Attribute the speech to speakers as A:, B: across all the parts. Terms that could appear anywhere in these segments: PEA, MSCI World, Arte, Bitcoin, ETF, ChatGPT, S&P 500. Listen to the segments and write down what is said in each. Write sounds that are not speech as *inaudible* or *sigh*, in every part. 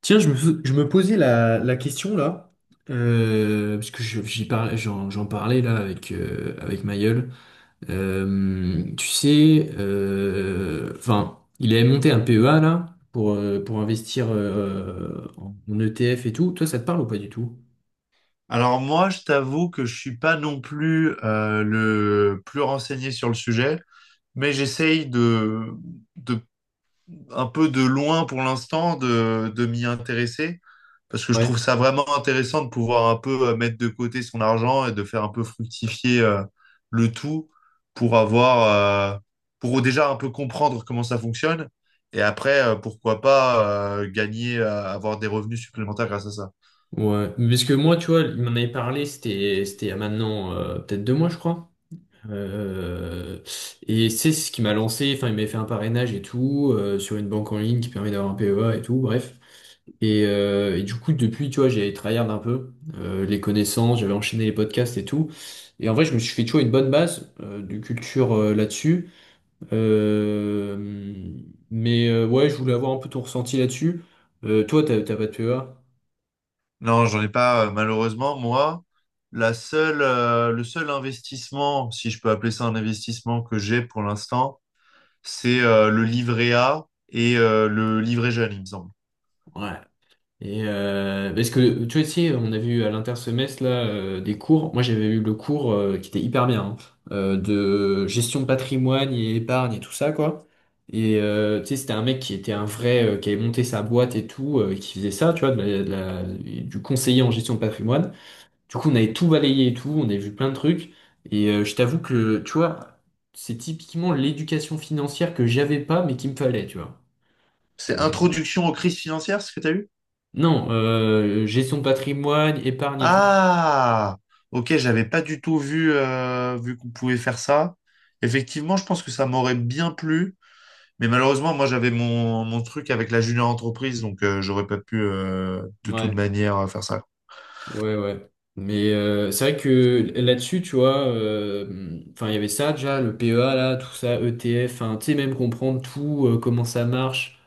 A: Tiens, je me posais la question là, parce que j'y parlais, j'en parlais là avec, avec ma… Tu sais, enfin, il avait monté un PEA là pour investir en ETF et tout. Toi, ça te parle ou pas du tout?
B: Alors moi, je t'avoue que je suis pas non plus le plus renseigné sur le sujet, mais j'essaye de un peu de loin pour l'instant de m'y intéresser parce que je trouve
A: Ouais.
B: ça vraiment intéressant de pouvoir un peu mettre de côté son argent et de faire un peu fructifier le tout pour avoir pour déjà un peu comprendre comment ça fonctionne et après pourquoi pas gagner avoir des revenus supplémentaires grâce à ça.
A: Ouais, parce que moi, tu vois, il m'en avait parlé, c'était il y a maintenant peut-être 2 mois, je crois. Euh, et c'est ce qui m'a lancé, enfin il m'avait fait un parrainage et tout, sur une banque en ligne qui permet d'avoir un PEA et tout, bref. Et du coup, depuis, tu vois, j'ai tryhard un peu les connaissances, j'avais enchaîné les podcasts et tout. Et en vrai, je me suis fait, tu vois, une bonne base de culture là-dessus. Euh, mais ouais, je voulais avoir un peu ton ressenti là-dessus. Toi, t'as pas de PEA?
B: Non, j'en ai pas, malheureusement. Moi, le seul investissement, si je peux appeler ça un investissement que j'ai pour l'instant, c'est le livret A et le livret jeune, il me semble.
A: Ouais. Et parce que tu vois, tu sais, on a vu à l'intersemestre là des cours. Moi, j'avais eu le cours qui était hyper bien hein, de gestion de patrimoine et épargne et tout ça quoi. Et tu sais, c'était un mec qui était un vrai qui avait monté sa boîte et tout, qui faisait ça, tu vois, du conseiller en gestion de patrimoine. Du coup, on avait tout balayé et tout, on avait vu plein de trucs. Et je t'avoue que tu vois, c'est typiquement l'éducation financière que j'avais pas mais qu'il me fallait, tu vois.
B: C'est introduction aux crises financières, ce que tu as eu?
A: Non, gestion de patrimoine, épargne et tout.
B: Ah, ok, j'avais pas du tout vu, vu qu'on pouvait faire ça. Effectivement, je pense que ça m'aurait bien plu, mais malheureusement, moi, j'avais mon truc avec la junior entreprise, donc j'aurais pas pu de toute
A: Ouais,
B: manière faire ça.
A: ouais, ouais. Mais c'est vrai que là-dessus, tu vois, enfin, il y avait ça déjà, le PEA, là, tout ça, ETF, enfin, tu sais, même comprendre tout, comment ça marche.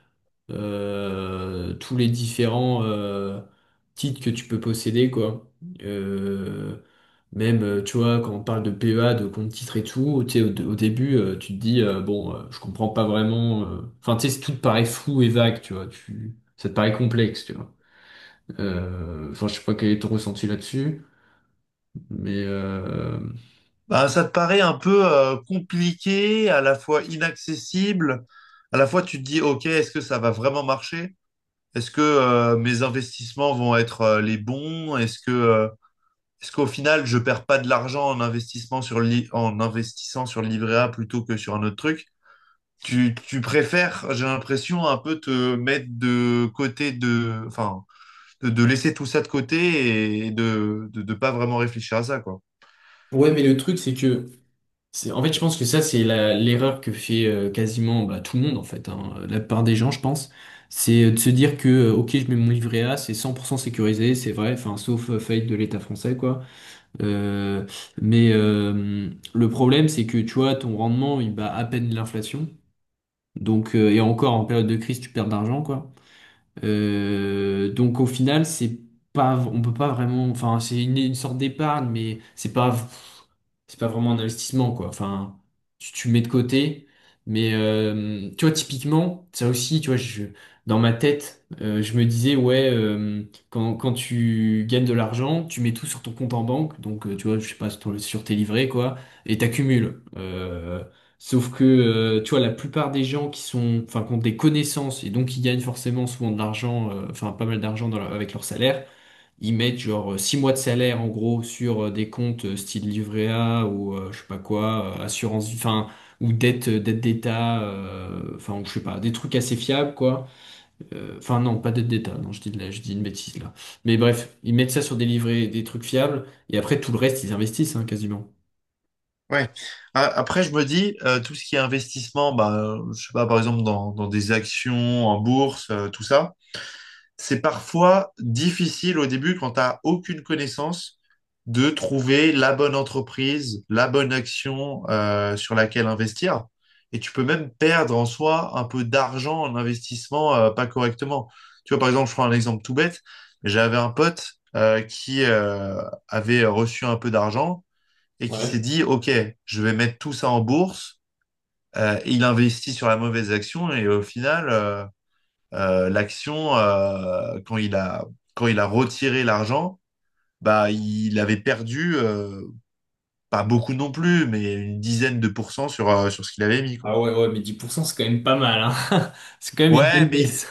A: Tous les différents titres que tu peux posséder, quoi. Euh, Même, tu vois, quand on parle de PEA, de compte titres et tout, tu sais, au début, tu te dis, bon, je comprends pas vraiment. Enfin, tu sais, c'est- tout te paraît flou et vague, tu vois. Tu, ça te paraît complexe, tu vois. Enfin, je sais pas quel est ton ressenti là-dessus, mais
B: Ben ça te paraît un peu compliqué, à la fois inaccessible, à la fois tu te dis, OK, est-ce que ça va vraiment marcher? Est-ce que mes investissements vont être les bons? Est-ce que est-ce qu'au final je perds pas de l'argent en investissement sur le en investissant sur le livret A plutôt que sur un autre truc? Tu préfères, j'ai l'impression, un peu te mettre de côté enfin, de laisser tout ça de côté et de pas vraiment réfléchir à ça, quoi.
A: ouais, mais le truc, c'est que. En fait, je pense que ça, l'erreur que fait quasiment bah, tout le monde, en fait, hein, la plupart des gens, je pense. C'est de se dire que, ok, je mets mon livret A, c'est 100% sécurisé, c'est vrai, enfin, sauf faillite de l'État français, quoi. Euh, mais le problème, c'est que, tu vois, ton rendement, il bat à peine l'inflation. Donc, et encore, en période de crise, tu perds de l'argent, quoi. Donc au final, c'est pas, on peut pas vraiment, enfin c'est une sorte d'épargne, mais c'est pas vraiment un investissement quoi. Enfin, tu mets de côté, mais tu vois typiquement, ça aussi, tu vois, dans ma tête, je me disais ouais, quand tu gagnes de l'argent, tu mets tout sur ton compte en banque, donc tu vois, je sais pas sur, sur tes livrets quoi, et t'accumules. Sauf que, tu vois, la plupart des gens qui sont, enfin, qui ont des connaissances et donc qui gagnent forcément souvent de l'argent, enfin, pas mal d'argent dans avec leur salaire, ils mettent genre 6 mois de salaire en gros sur des comptes style livret A ou je sais pas quoi, assurance, enfin, ou dette, dette d'État, enfin, ou je sais pas, des trucs assez fiables quoi. Enfin, non, pas dette d'État, non, je dis, je dis une bêtise là. Mais bref, ils mettent ça sur des livrets, des trucs fiables et après tout le reste, ils investissent hein, quasiment.
B: Ouais. Après, je me dis, tout ce qui est investissement, bah, je sais pas, par exemple, dans des actions, en bourse, tout ça, c'est parfois difficile au début quand tu n'as aucune connaissance de trouver la bonne entreprise, la bonne action, sur laquelle investir. Et tu peux même perdre en soi un peu d'argent en investissement, pas correctement. Tu vois, par exemple, je prends un exemple tout bête. J'avais un pote, qui avait reçu un peu d'argent et qui s'est dit, OK, je vais mettre tout ça en bourse. Et il investit sur la mauvaise action et au final, l'action, quand il a retiré l'argent, bah, il avait perdu, pas beaucoup non plus, mais une dizaine de pourcents sur ce qu'il avait mis, quoi.
A: Ah ouais, ouais, mais 10% c'est quand même pas mal, hein. *laughs* C'est quand même une belle
B: Ouais, mais
A: baisse.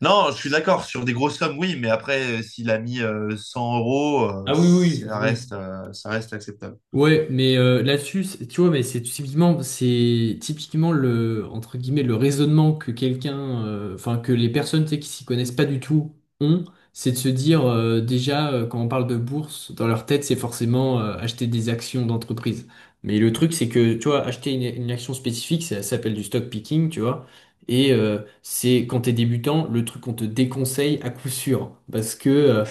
B: non, je suis d'accord, sur des grosses sommes, oui, mais après, s'il a mis 100 euros,
A: Ah oui, oui, oui.
B: ça reste acceptable.
A: Ouais, mais là-dessus, c'est- tu vois, mais c'est typiquement le entre guillemets le raisonnement que quelqu'un, enfin que les personnes tu sais, qui s'y connaissent pas du tout ont, c'est de se dire déjà quand on parle de bourse, dans leur tête, c'est forcément acheter des actions d'entreprise. Mais le truc, c'est que tu vois, acheter une action spécifique, ça s'appelle du stock picking, tu vois. Et c'est quand t'es débutant, le truc qu'on te déconseille à coup sûr, parce que euh,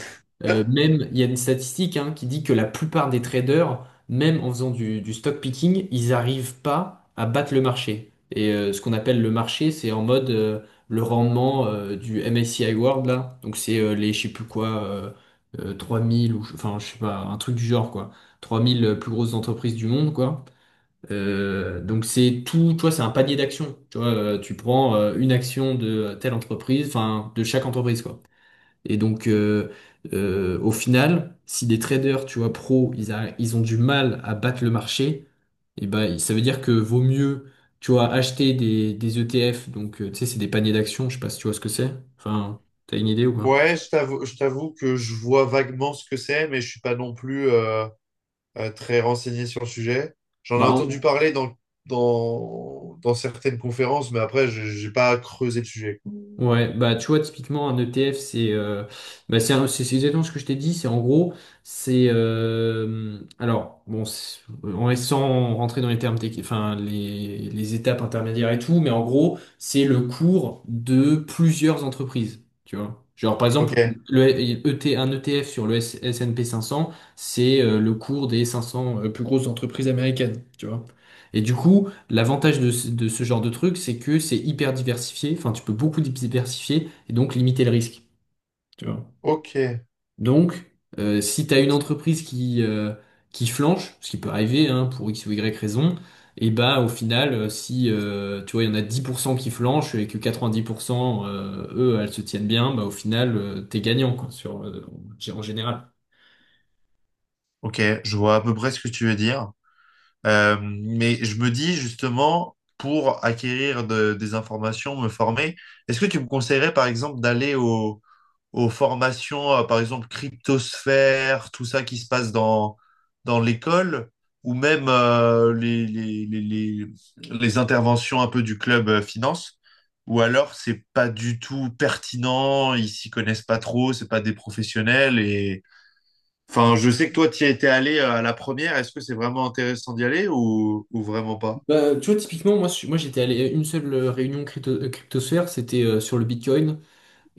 A: euh, même, il y a une statistique hein, qui dit que la plupart des traders même en faisant du stock picking, ils n'arrivent pas à battre le marché. Et ce qu'on appelle le marché, c'est en mode le rendement du MSCI World, là. Donc c'est les, je sais plus quoi, 3000 ou, enfin, je sais pas, un truc du genre, quoi. 3000 plus grosses entreprises du monde, quoi. Donc c'est tout, tu vois, c'est un panier d'actions. Tu vois, tu prends une action de telle entreprise, enfin, de chaque entreprise, quoi. Et donc au final, si des traders, tu vois, pro, ils ont du mal à battre le marché, et ben, ça veut dire que vaut mieux, tu vois, acheter des ETF. Donc, tu sais, c'est des paniers d'actions. Je sais pas si tu vois ce que c'est. Enfin, t'as une idée ou pas?
B: Ouais, je t'avoue que je vois vaguement ce que c'est, mais je suis pas non plus, très renseigné sur le sujet. J'en ai entendu
A: Bah.
B: parler dans certaines conférences, mais après, je n'ai pas creusé le sujet.
A: Ouais, bah tu vois, typiquement un ETF, c'est bah, c'est exactement ce que je t'ai dit, c'est en gros, c'est alors bon, c'est- en sans rentrer dans les termes techniques, enfin les étapes intermédiaires et tout, mais en gros, c'est le cours de plusieurs entreprises, tu vois. Genre par exemple,
B: Ok,
A: un ETF sur le S&P 500, c'est le cours des 500 plus grosses entreprises américaines, tu vois. Et du coup. L'avantage de, de ce genre de truc, c'est que c'est hyper diversifié, enfin tu peux beaucoup diversifier et donc limiter le risque. Tu vois.
B: ok,
A: Donc, si tu as une entreprise qui flanche, ce qui peut arriver hein, pour X ou Y raison, et bah au final, si tu vois, il y en a 10% qui flanchent et que 90% eux, elles se tiennent bien, bah au final, t'es gagnant quoi, sur, en général.
B: ok, je vois à peu près ce que tu veux dire. Mais je me dis justement, pour acquérir des informations, me former, est-ce que tu me conseillerais par exemple d'aller aux formations, par exemple cryptosphère, tout ça qui se passe dans l'école, ou même les interventions un peu du club finance, ou alors c'est pas du tout pertinent, ils s'y connaissent pas trop, c'est pas des professionnels. Enfin, je sais que toi, tu y étais allé à la première. Est-ce que c'est vraiment intéressant d'y aller ou vraiment pas?
A: Bah, tu vois, typiquement, moi j'étais allé à une seule réunion crypto, cryptosphère, c'était sur le Bitcoin.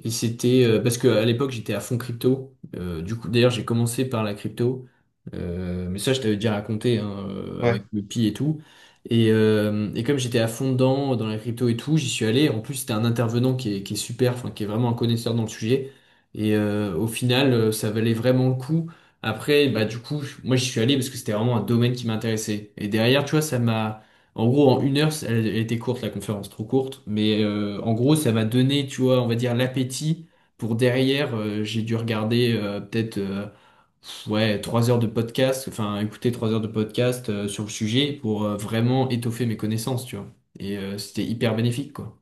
A: Et c'était parce que à l'époque j'étais à fond crypto. Du coup, d'ailleurs, j'ai commencé par la crypto. Mais ça, je t'avais déjà raconté hein,
B: Ouais.
A: avec le pi et tout. Et et comme j'étais à fond dedans, dans la crypto et tout, j'y suis allé. En plus, c'était un intervenant qui est super, enfin, qui est vraiment un connaisseur dans le sujet. Et au final, ça valait vraiment le coup. Après, bah, du coup, moi, j'y suis allé parce que c'était vraiment un domaine qui m'intéressait. Et derrière, tu vois, ça m'a… En gros, en 1 heure, elle était courte, la conférence, trop courte, mais en gros, ça m'a donné, tu vois, on va dire l'appétit pour derrière, j'ai dû regarder peut-être ouais, 3 heures de podcast, enfin écouter 3 heures de podcast sur le sujet pour vraiment étoffer mes connaissances, tu vois. Et c'était hyper bénéfique, quoi.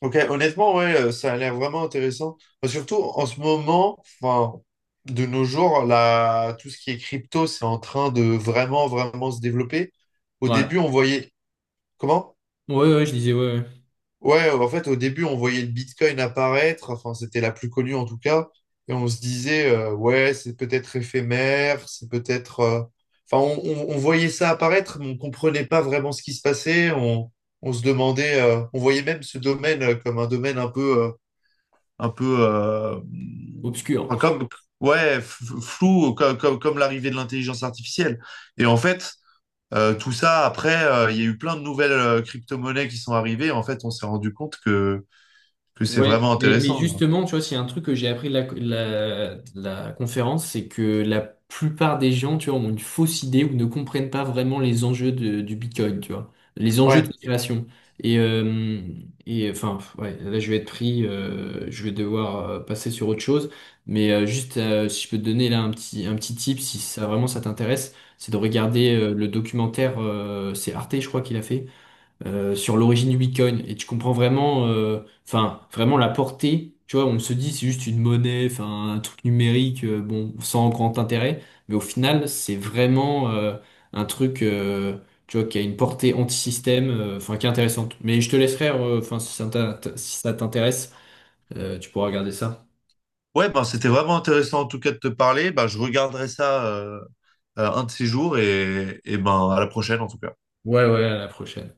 B: Ok, honnêtement, ouais, ça a l'air vraiment intéressant. Enfin, surtout en ce moment, enfin, de nos jours, là, tout ce qui est crypto, c'est en train de vraiment, vraiment se développer. Au début,
A: Voilà.
B: on voyait. Comment?
A: Ouais, ouais, je disais, ouais, ouais.
B: Ouais, en fait, au début, on voyait le Bitcoin apparaître, enfin, c'était la plus connue en tout cas, et on se disait, ouais, c'est peut-être éphémère, c'est peut-être. Enfin, on voyait ça apparaître, mais on comprenait pas vraiment ce qui se passait, on se demandait, on voyait même ce domaine comme un domaine un peu,
A: Obscur.
B: enfin, ouais, flou, comme l'arrivée de l'intelligence artificielle. Et en fait... Tout ça, après, il y a eu plein de nouvelles crypto-monnaies qui sont arrivées. En fait, on s'est rendu compte que c'est
A: Ouais,
B: vraiment
A: mais
B: intéressant, quoi.
A: justement, tu vois, s'il y a un truc que j'ai appris de de la conférence, c'est que la plupart des gens, tu vois, ont une fausse idée ou ne comprennent pas vraiment les du Bitcoin, tu vois, les enjeux de
B: Ouais.
A: création. Et, euh, et enfin, ouais, là, je vais être pris, je vais devoir passer sur autre chose, mais juste, si je peux te donner là un petit tip, si ça vraiment ça t'intéresse, c'est de regarder le documentaire, c'est Arte, je crois qu'il a fait sur l'origine du Bitcoin et tu comprends vraiment, enfin, vraiment la portée. Tu vois, on se dit c'est juste une monnaie, enfin, un truc numérique, bon, sans grand intérêt, mais au final, c'est vraiment un truc, tu vois, qui a une portée anti-système, enfin, qui est intéressante. Mais je te laisserai, enfin, si ça t'intéresse, tu pourras regarder ça.
B: Ouais, ben, c'était vraiment intéressant en tout cas de te parler. Ben, je regarderai ça un de ces jours et ben, à la prochaine en tout cas.
A: Ouais, ouais, à la prochaine.